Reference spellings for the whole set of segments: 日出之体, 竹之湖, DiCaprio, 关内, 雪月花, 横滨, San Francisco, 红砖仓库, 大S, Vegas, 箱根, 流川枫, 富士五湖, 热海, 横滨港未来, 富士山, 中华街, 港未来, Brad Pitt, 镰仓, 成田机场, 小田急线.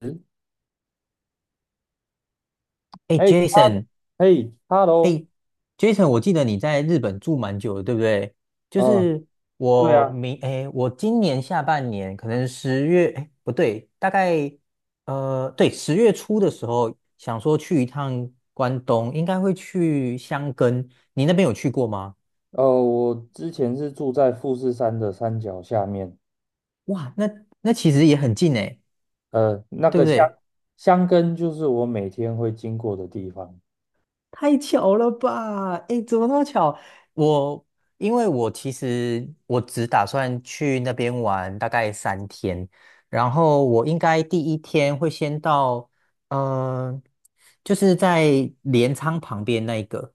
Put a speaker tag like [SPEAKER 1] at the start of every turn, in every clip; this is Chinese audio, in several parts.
[SPEAKER 1] 嗯，
[SPEAKER 2] 哎
[SPEAKER 1] 哎，哈，
[SPEAKER 2] ，Jason，Jason，
[SPEAKER 1] 哎，hello，
[SPEAKER 2] 我记得你在日本住蛮久的，对不对？就
[SPEAKER 1] 嗯，
[SPEAKER 2] 是
[SPEAKER 1] 对啊。
[SPEAKER 2] 哎，我今年下半年可能十月，哎，不对，大概对，10月初的时候想说去一趟关东，应该会去箱根。你那边有去过吗？
[SPEAKER 1] 我之前是住在富士山的山脚下面。
[SPEAKER 2] 哇，那其实也很近哎，
[SPEAKER 1] 那
[SPEAKER 2] 对
[SPEAKER 1] 个
[SPEAKER 2] 不
[SPEAKER 1] 箱
[SPEAKER 2] 对？
[SPEAKER 1] 箱根就是我每天会经过的地方。
[SPEAKER 2] 太巧了吧！哎，怎么那么巧？我因为我其实我只打算去那边玩大概3天，然后我应该第一天会先到，嗯，就是在镰仓旁边那一个、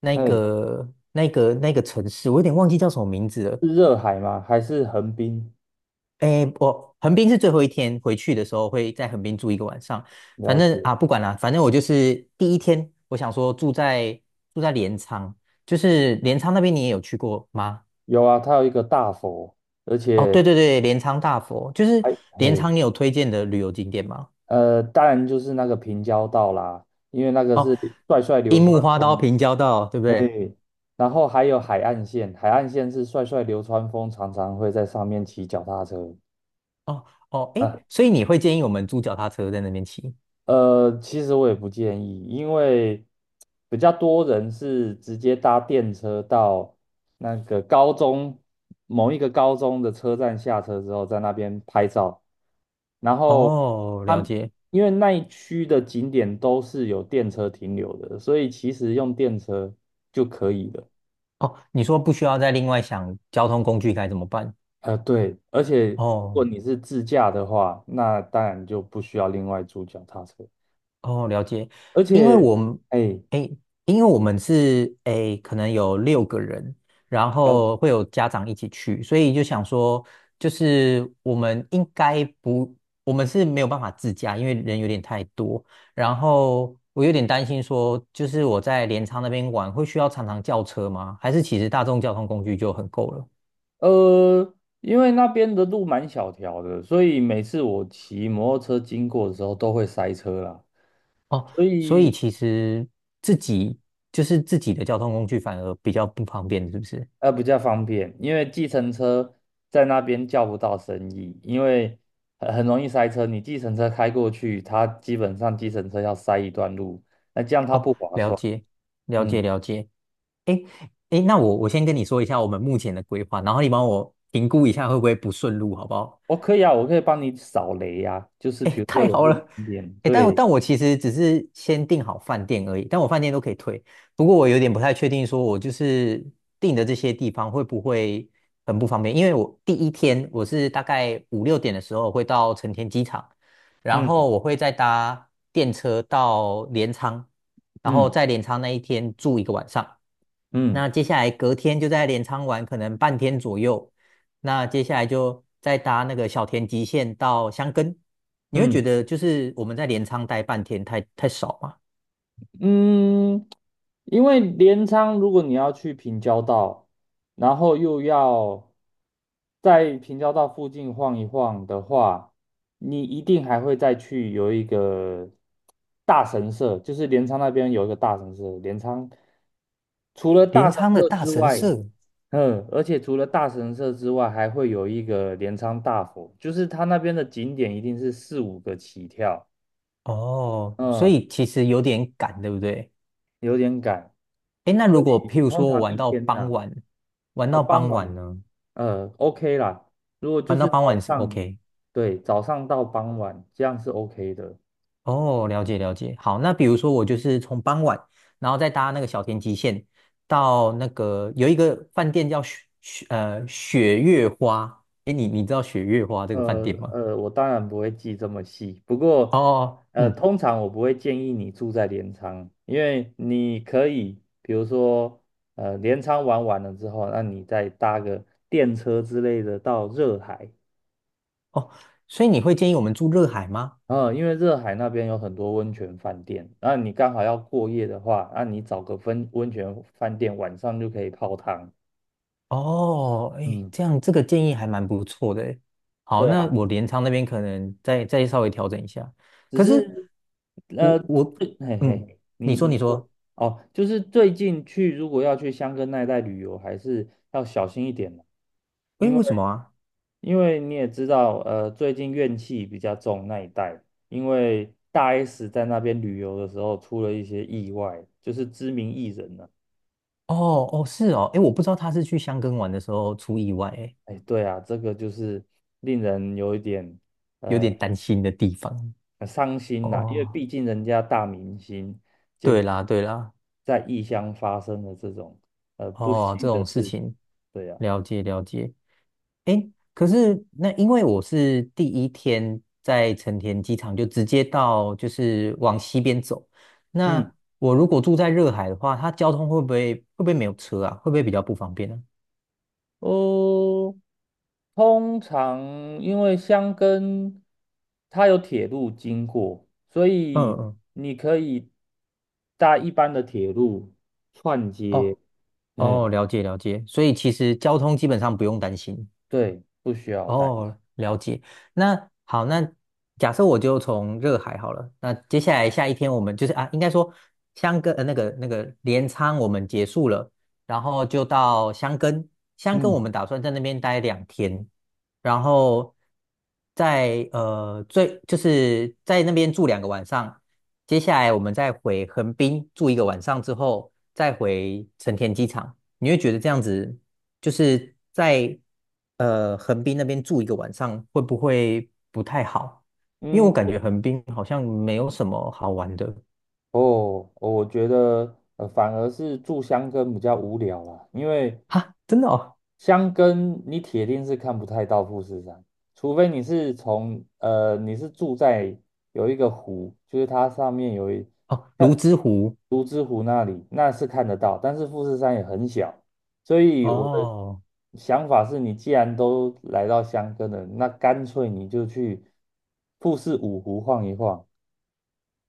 [SPEAKER 2] 那
[SPEAKER 1] 嗯，
[SPEAKER 2] 个、那个、那个城市，我有点忘记叫什么名字了。
[SPEAKER 1] 是热海吗？还是横滨？
[SPEAKER 2] 诶，我横滨是最后一天回去的时候会在横滨住一个晚上，反
[SPEAKER 1] 了
[SPEAKER 2] 正
[SPEAKER 1] 解。
[SPEAKER 2] 啊不管了，反正我就是第一天，我想说住在镰仓，就是镰仓那边你也有去过吗？
[SPEAKER 1] 有啊，它有一个大佛，而
[SPEAKER 2] 哦，对
[SPEAKER 1] 且
[SPEAKER 2] 对对，镰仓大佛，就是
[SPEAKER 1] 还
[SPEAKER 2] 镰
[SPEAKER 1] 嘿。
[SPEAKER 2] 仓，你有推荐的旅游景点吗？
[SPEAKER 1] 当然就是那个平交道啦，因为那个
[SPEAKER 2] 哦，
[SPEAKER 1] 是帅帅流
[SPEAKER 2] 樱木
[SPEAKER 1] 川
[SPEAKER 2] 花道、
[SPEAKER 1] 枫。
[SPEAKER 2] 平交道，对不
[SPEAKER 1] 哎，
[SPEAKER 2] 对？
[SPEAKER 1] 然后还有海岸线，海岸线是帅帅流川枫常常会在上面骑脚踏车。
[SPEAKER 2] 哦哦，诶，
[SPEAKER 1] 啊，
[SPEAKER 2] 所以你会建议我们租脚踏车在那边骑？
[SPEAKER 1] 其实我也不建议，因为比较多人是直接搭电车到那个高中某一个高中的车站下车之后，在那边拍照，然后
[SPEAKER 2] 哦，了
[SPEAKER 1] 他
[SPEAKER 2] 解。
[SPEAKER 1] 因为那一区的景点都是有电车停留的，所以其实用电车就可以了。
[SPEAKER 2] 哦，你说不需要再另外想交通工具该怎么办？
[SPEAKER 1] 对，而且如果
[SPEAKER 2] 哦。
[SPEAKER 1] 你是自驾的话，那当然就不需要另外租脚踏车，
[SPEAKER 2] 哦，了解，
[SPEAKER 1] 而
[SPEAKER 2] 因为
[SPEAKER 1] 且，
[SPEAKER 2] 我们，
[SPEAKER 1] 哎，
[SPEAKER 2] 诶，因为我们是可能有6个人，然
[SPEAKER 1] 了
[SPEAKER 2] 后会有家长一起去，所以就想说，就是我们应该不，我们是没有办法自驾，因为人有点太多。然后我有点担心说，就是我在镰仓那边玩，会需要常常叫车吗？还是其实大众交通工具就很够了？
[SPEAKER 1] 呃，因为那边的路蛮小条的，所以每次我骑摩托车经过的时候都会塞车啦，
[SPEAKER 2] 哦，
[SPEAKER 1] 所
[SPEAKER 2] 所以
[SPEAKER 1] 以
[SPEAKER 2] 其实自己自己的交通工具反而比较不方便，是不是？
[SPEAKER 1] 比较方便，因为计程车在那边叫不到生意，因为很容易塞车，你计程车开过去，它基本上计程车要塞一段路，那这样它
[SPEAKER 2] 哦，
[SPEAKER 1] 不划
[SPEAKER 2] 了
[SPEAKER 1] 算。
[SPEAKER 2] 解，了
[SPEAKER 1] 嗯。
[SPEAKER 2] 解，了解。诶诶，那我先跟你说一下我们目前的规划，然后你帮我评估一下会不会不顺路，好不好？
[SPEAKER 1] 我可以啊，我可以帮你扫雷呀、就是
[SPEAKER 2] 哎，
[SPEAKER 1] 比如说
[SPEAKER 2] 太
[SPEAKER 1] 有
[SPEAKER 2] 好
[SPEAKER 1] 不
[SPEAKER 2] 了！
[SPEAKER 1] 景点，
[SPEAKER 2] 哎，但我
[SPEAKER 1] 对。
[SPEAKER 2] 但我其实只是先订好饭店而已，但我饭店都可以退。不过我有点不太确定，说我就是订的这些地方会不会很不方便？因为我第一天我是大概五六点的时候会到成田机场，然
[SPEAKER 1] 嗯
[SPEAKER 2] 后我会再搭电车到镰仓，然后
[SPEAKER 1] 嗯
[SPEAKER 2] 在镰仓那一天住一个晚上。
[SPEAKER 1] 嗯
[SPEAKER 2] 那接下来隔天就在镰仓玩，可能半天左右，那接下来就再搭那个小田急线到箱根。你会觉
[SPEAKER 1] 嗯
[SPEAKER 2] 得就是我们在镰仓待半天太少嘛？
[SPEAKER 1] 嗯，因为镰仓如果你要去平交道，然后又要在平交道附近晃一晃的话，你一定还会再去有一个大神社，就是镰仓那边有一个大神社，镰仓除了大
[SPEAKER 2] 镰
[SPEAKER 1] 神
[SPEAKER 2] 仓的
[SPEAKER 1] 社
[SPEAKER 2] 大
[SPEAKER 1] 之
[SPEAKER 2] 神
[SPEAKER 1] 外。
[SPEAKER 2] 社，
[SPEAKER 1] 嗯，而且除了大神社之外，还会有一个镰仓大佛，就是它那边的景点一定是四五个起跳。
[SPEAKER 2] 哦，所
[SPEAKER 1] 嗯，
[SPEAKER 2] 以其实有点赶，对不对？
[SPEAKER 1] 有点赶，
[SPEAKER 2] 哎，那
[SPEAKER 1] 所
[SPEAKER 2] 如果
[SPEAKER 1] 以
[SPEAKER 2] 譬如
[SPEAKER 1] 通
[SPEAKER 2] 说我
[SPEAKER 1] 常
[SPEAKER 2] 玩
[SPEAKER 1] 一
[SPEAKER 2] 到
[SPEAKER 1] 天
[SPEAKER 2] 傍
[SPEAKER 1] 呢、
[SPEAKER 2] 晚，玩到
[SPEAKER 1] 傍
[SPEAKER 2] 傍晚
[SPEAKER 1] 晚，
[SPEAKER 2] 呢？
[SPEAKER 1] OK 啦，如果就
[SPEAKER 2] 玩到
[SPEAKER 1] 是
[SPEAKER 2] 傍
[SPEAKER 1] 早
[SPEAKER 2] 晚是
[SPEAKER 1] 上，
[SPEAKER 2] OK。
[SPEAKER 1] 对，早上到傍晚，这样是 OK 的。
[SPEAKER 2] 哦，了解了解。好，那比如说我就是从傍晚，然后再搭那个小田急线到那个有一个饭店叫雪月花。哎，你知道雪月花这个饭
[SPEAKER 1] 呃
[SPEAKER 2] 店吗？
[SPEAKER 1] 我当然不会记这么细，不过
[SPEAKER 2] 哦，嗯，
[SPEAKER 1] 通常我不会建议你住在镰仓，因为你可以，比如说镰仓玩完了之后，那你再搭个电车之类的到热海。
[SPEAKER 2] 哦，所以你会建议我们住热海吗？
[SPEAKER 1] 因为热海那边有很多温泉饭店，那你刚好要过夜的话，那你找个温泉饭店晚上就可以泡汤。
[SPEAKER 2] 哦，哎，
[SPEAKER 1] 嗯，
[SPEAKER 2] 这样这个建议还蛮不错的诶。好，
[SPEAKER 1] 对
[SPEAKER 2] 那
[SPEAKER 1] 啊。
[SPEAKER 2] 我镰仓那边可能再稍微调整一下。
[SPEAKER 1] 只
[SPEAKER 2] 可是
[SPEAKER 1] 是
[SPEAKER 2] 我我
[SPEAKER 1] 嘿
[SPEAKER 2] 嗯，
[SPEAKER 1] 嘿，
[SPEAKER 2] 你
[SPEAKER 1] 您
[SPEAKER 2] 说你
[SPEAKER 1] 您说
[SPEAKER 2] 说，
[SPEAKER 1] 哦，就是最近去如果要去香根那一带旅游，还是要小心一点嘛，
[SPEAKER 2] 哎，
[SPEAKER 1] 因为
[SPEAKER 2] 为什么啊？
[SPEAKER 1] 因为你也知道，最近怨气比较重那一带，因为大 S 在那边旅游的时候出了一些意外，就是知名艺人呢、
[SPEAKER 2] 哦哦是哦，哎，我不知道他是去箱根玩的时候出意外，哎，
[SPEAKER 1] 哎，对啊，这个就是令人有一点
[SPEAKER 2] 有点
[SPEAKER 1] 呃
[SPEAKER 2] 担心的地方。
[SPEAKER 1] 很伤心呐、因为
[SPEAKER 2] 哦，
[SPEAKER 1] 毕竟人家大明星。
[SPEAKER 2] 对啦对啦。
[SPEAKER 1] 在异乡发生的这种不
[SPEAKER 2] 哦，
[SPEAKER 1] 幸
[SPEAKER 2] 这
[SPEAKER 1] 的
[SPEAKER 2] 种事
[SPEAKER 1] 事情。
[SPEAKER 2] 情，
[SPEAKER 1] 对呀。
[SPEAKER 2] 了解了解。诶，可是那因为我是第一天在成田机场就直接到，就是往西边走。那
[SPEAKER 1] 嗯。
[SPEAKER 2] 我如果住在热海的话，它交通会不会没有车啊？会不会比较不方便呢、
[SPEAKER 1] 哦，通常因为箱根它有铁路经过，所
[SPEAKER 2] 嗯
[SPEAKER 1] 以
[SPEAKER 2] 嗯，
[SPEAKER 1] 你可以搭一般的铁路串
[SPEAKER 2] 哦
[SPEAKER 1] 接。嗯，
[SPEAKER 2] 哦，了解了解。所以其实交通基本上不用担心。
[SPEAKER 1] 对，不需要担心。
[SPEAKER 2] 哦，了解。那好，那假设我就从热海好了。那接下来下一天我们就是啊，应该说箱根那个镰仓我们结束了，然后就到箱根。箱根我
[SPEAKER 1] 嗯
[SPEAKER 2] 们打算在那边待2天，然后在呃最就是在那边住2个晚上。接下来我们再回横滨住一个晚上之后，再回成田机场。你会觉得这样子？就是在横滨那边住一个晚上，会不会不太好？因为我
[SPEAKER 1] 嗯。
[SPEAKER 2] 感觉横滨好像没有什么好玩的
[SPEAKER 1] 哦，我觉得反而是住箱根比较无聊啦，因为
[SPEAKER 2] 哈，真的哦，
[SPEAKER 1] 箱根你铁定是看不太到富士山，除非你是从你是住在有一个湖，就是它上面有一
[SPEAKER 2] 哦，
[SPEAKER 1] 呃
[SPEAKER 2] 泸沽湖
[SPEAKER 1] 竹之湖那里，那是看得到，但是富士山也很小，所以我的
[SPEAKER 2] 哦，
[SPEAKER 1] 想法是你既然都来到箱根了，那干脆你就去富士五湖晃一晃。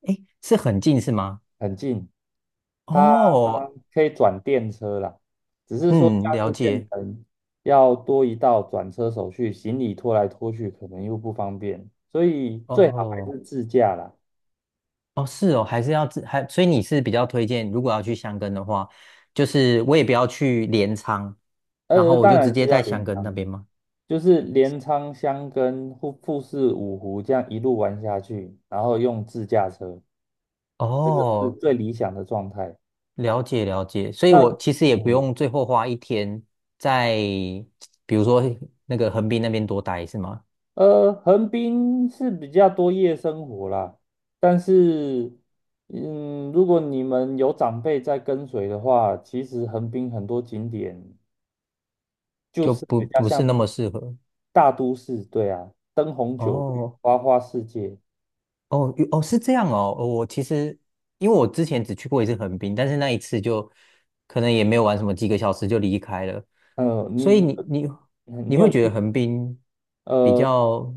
[SPEAKER 2] 哎，是很近是吗？
[SPEAKER 1] 很近。它
[SPEAKER 2] 哦，
[SPEAKER 1] 可以转电车啦，只是说这
[SPEAKER 2] 嗯，
[SPEAKER 1] 样
[SPEAKER 2] 了
[SPEAKER 1] 就变
[SPEAKER 2] 解。
[SPEAKER 1] 成要多一道转车手续，行李拖来拖去可能又不方便，所以最好还
[SPEAKER 2] 哦，
[SPEAKER 1] 是自驾啦。
[SPEAKER 2] 哦，是哦，还是要自还，所以你是比较推荐，如果要去箱根的话，就是我也不要去镰仓，然后我
[SPEAKER 1] 当
[SPEAKER 2] 就直
[SPEAKER 1] 然是
[SPEAKER 2] 接
[SPEAKER 1] 要
[SPEAKER 2] 在箱
[SPEAKER 1] 镰
[SPEAKER 2] 根那
[SPEAKER 1] 仓，
[SPEAKER 2] 边吗？
[SPEAKER 1] 就是镰仓箱跟富士五湖这样一路玩下去，然后用自驾车，这个是
[SPEAKER 2] 哦，
[SPEAKER 1] 最理想的状态。
[SPEAKER 2] 了解了解，所以
[SPEAKER 1] 那
[SPEAKER 2] 我其实也不
[SPEAKER 1] 嗯
[SPEAKER 2] 用最后花一天在，比如说那个横滨那边多待是吗？
[SPEAKER 1] 横滨是比较多夜生活啦，但是，嗯，如果你们有长辈在跟随的话，其实横滨很多景点就
[SPEAKER 2] 就
[SPEAKER 1] 是
[SPEAKER 2] 不
[SPEAKER 1] 比较
[SPEAKER 2] 不是那
[SPEAKER 1] 像
[SPEAKER 2] 么适合。
[SPEAKER 1] 大都市，对啊，灯红酒绿，
[SPEAKER 2] 哦
[SPEAKER 1] 花花世界。
[SPEAKER 2] 哦哦，是这样哦。哦我其实因为我之前只去过一次横滨，但是那一次就可能也没有玩什么，几个小时就离开了。
[SPEAKER 1] 呃，你
[SPEAKER 2] 所以你你
[SPEAKER 1] 嗯
[SPEAKER 2] 你
[SPEAKER 1] 你
[SPEAKER 2] 会
[SPEAKER 1] 有
[SPEAKER 2] 觉得
[SPEAKER 1] 去？
[SPEAKER 2] 横滨比
[SPEAKER 1] 呃，
[SPEAKER 2] 较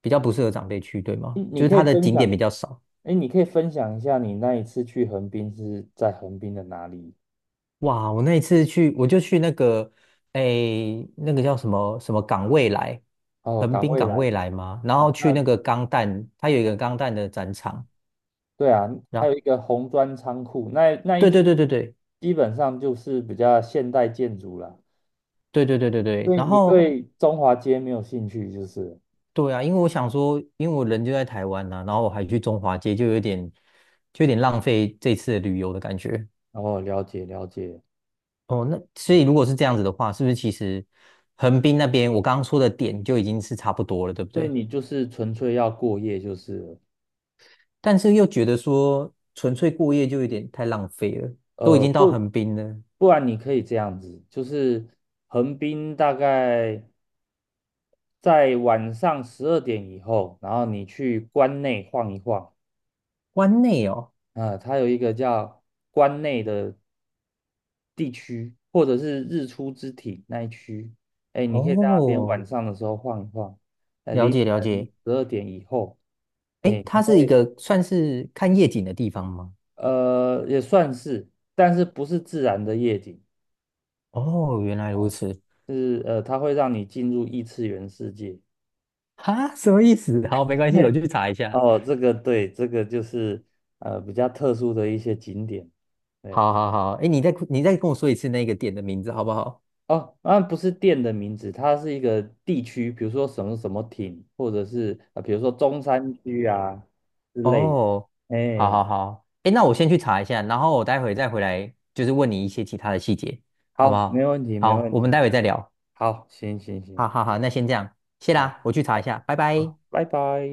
[SPEAKER 2] 比较不适合长辈去，对
[SPEAKER 1] 你
[SPEAKER 2] 吗？
[SPEAKER 1] 你
[SPEAKER 2] 就是
[SPEAKER 1] 可以
[SPEAKER 2] 它的
[SPEAKER 1] 分
[SPEAKER 2] 景点比
[SPEAKER 1] 享，
[SPEAKER 2] 较少。
[SPEAKER 1] 哎，你可以分享一下你那一次去横滨是在横滨的哪里？
[SPEAKER 2] 哇，我那一次去，我就去那个，诶，那个叫什么什么港未来，
[SPEAKER 1] 哦，
[SPEAKER 2] 横
[SPEAKER 1] 港
[SPEAKER 2] 滨
[SPEAKER 1] 未
[SPEAKER 2] 港未
[SPEAKER 1] 来
[SPEAKER 2] 来嘛，然后
[SPEAKER 1] 啊，那。
[SPEAKER 2] 去那个钢弹，它有一个钢弹的展场，
[SPEAKER 1] 对啊，
[SPEAKER 2] 然
[SPEAKER 1] 还有一
[SPEAKER 2] 后
[SPEAKER 1] 个红砖仓库，那那一
[SPEAKER 2] 对
[SPEAKER 1] 区
[SPEAKER 2] 对对对对
[SPEAKER 1] 基本上就是比较现代建筑啦。
[SPEAKER 2] 对对对对对，
[SPEAKER 1] 所以
[SPEAKER 2] 然
[SPEAKER 1] 你
[SPEAKER 2] 后
[SPEAKER 1] 对中华街没有兴趣，就是了。
[SPEAKER 2] 对啊，因为我想说，因为我人就在台湾呐、然后我还去中华街，就有点浪费这次的旅游的感觉。
[SPEAKER 1] 哦，了解了解。
[SPEAKER 2] 哦，那所以
[SPEAKER 1] 嗯，
[SPEAKER 2] 如果是这样子的话，是不是其实横滨那边我刚刚说的点就已经是差不多了，对不
[SPEAKER 1] 所以
[SPEAKER 2] 对？
[SPEAKER 1] 你就是纯粹要过夜就是了
[SPEAKER 2] 但是又觉得说纯粹过夜就有点太浪费了，都已
[SPEAKER 1] 呃，
[SPEAKER 2] 经到
[SPEAKER 1] 不
[SPEAKER 2] 横滨了，
[SPEAKER 1] 不然你可以这样子，就是横滨大概在晚上十二点以后，然后你去关内晃一晃。
[SPEAKER 2] 湾内哦，
[SPEAKER 1] 啊、它有一个叫关内的地区，或者是日出之体那一区。哎，你可以在那边晚
[SPEAKER 2] 哦，
[SPEAKER 1] 上的时候晃一晃，
[SPEAKER 2] 了
[SPEAKER 1] 凌
[SPEAKER 2] 解了
[SPEAKER 1] 晨
[SPEAKER 2] 解，
[SPEAKER 1] 十二点以后，
[SPEAKER 2] 诶，
[SPEAKER 1] 哎，你
[SPEAKER 2] 它是一
[SPEAKER 1] 会
[SPEAKER 2] 个算是看夜景的地方吗？
[SPEAKER 1] 也算是，但是不是自然的夜景。
[SPEAKER 2] 哦，原来如
[SPEAKER 1] 哦，
[SPEAKER 2] 此，
[SPEAKER 1] 是，它会让你进入异次元世界
[SPEAKER 2] 哈，什么意思？好，没 关系，我
[SPEAKER 1] 嘿。
[SPEAKER 2] 去查一下。
[SPEAKER 1] 哦，这个对，这个就是比较特殊的一些景点。对呀。
[SPEAKER 2] 好好好，诶，你再跟我说一次那个店的名字好不好？
[SPEAKER 1] 哦，那不是店的名字，它是一个地区，比如说什么什么町，或者是啊、比如说中山区啊之类的。
[SPEAKER 2] 哦，好
[SPEAKER 1] 哎，
[SPEAKER 2] 好好，诶，那我先去查一下，然后我待会再回来，就是问你一些其他的细节，好不
[SPEAKER 1] 好，没
[SPEAKER 2] 好？
[SPEAKER 1] 问题，没
[SPEAKER 2] 好，
[SPEAKER 1] 问
[SPEAKER 2] 我们
[SPEAKER 1] 题。
[SPEAKER 2] 待会再聊。
[SPEAKER 1] 好，行行行，
[SPEAKER 2] 好好好，那先这样，谢
[SPEAKER 1] 好，
[SPEAKER 2] 啦，我去查一下，拜拜。
[SPEAKER 1] 好，拜拜。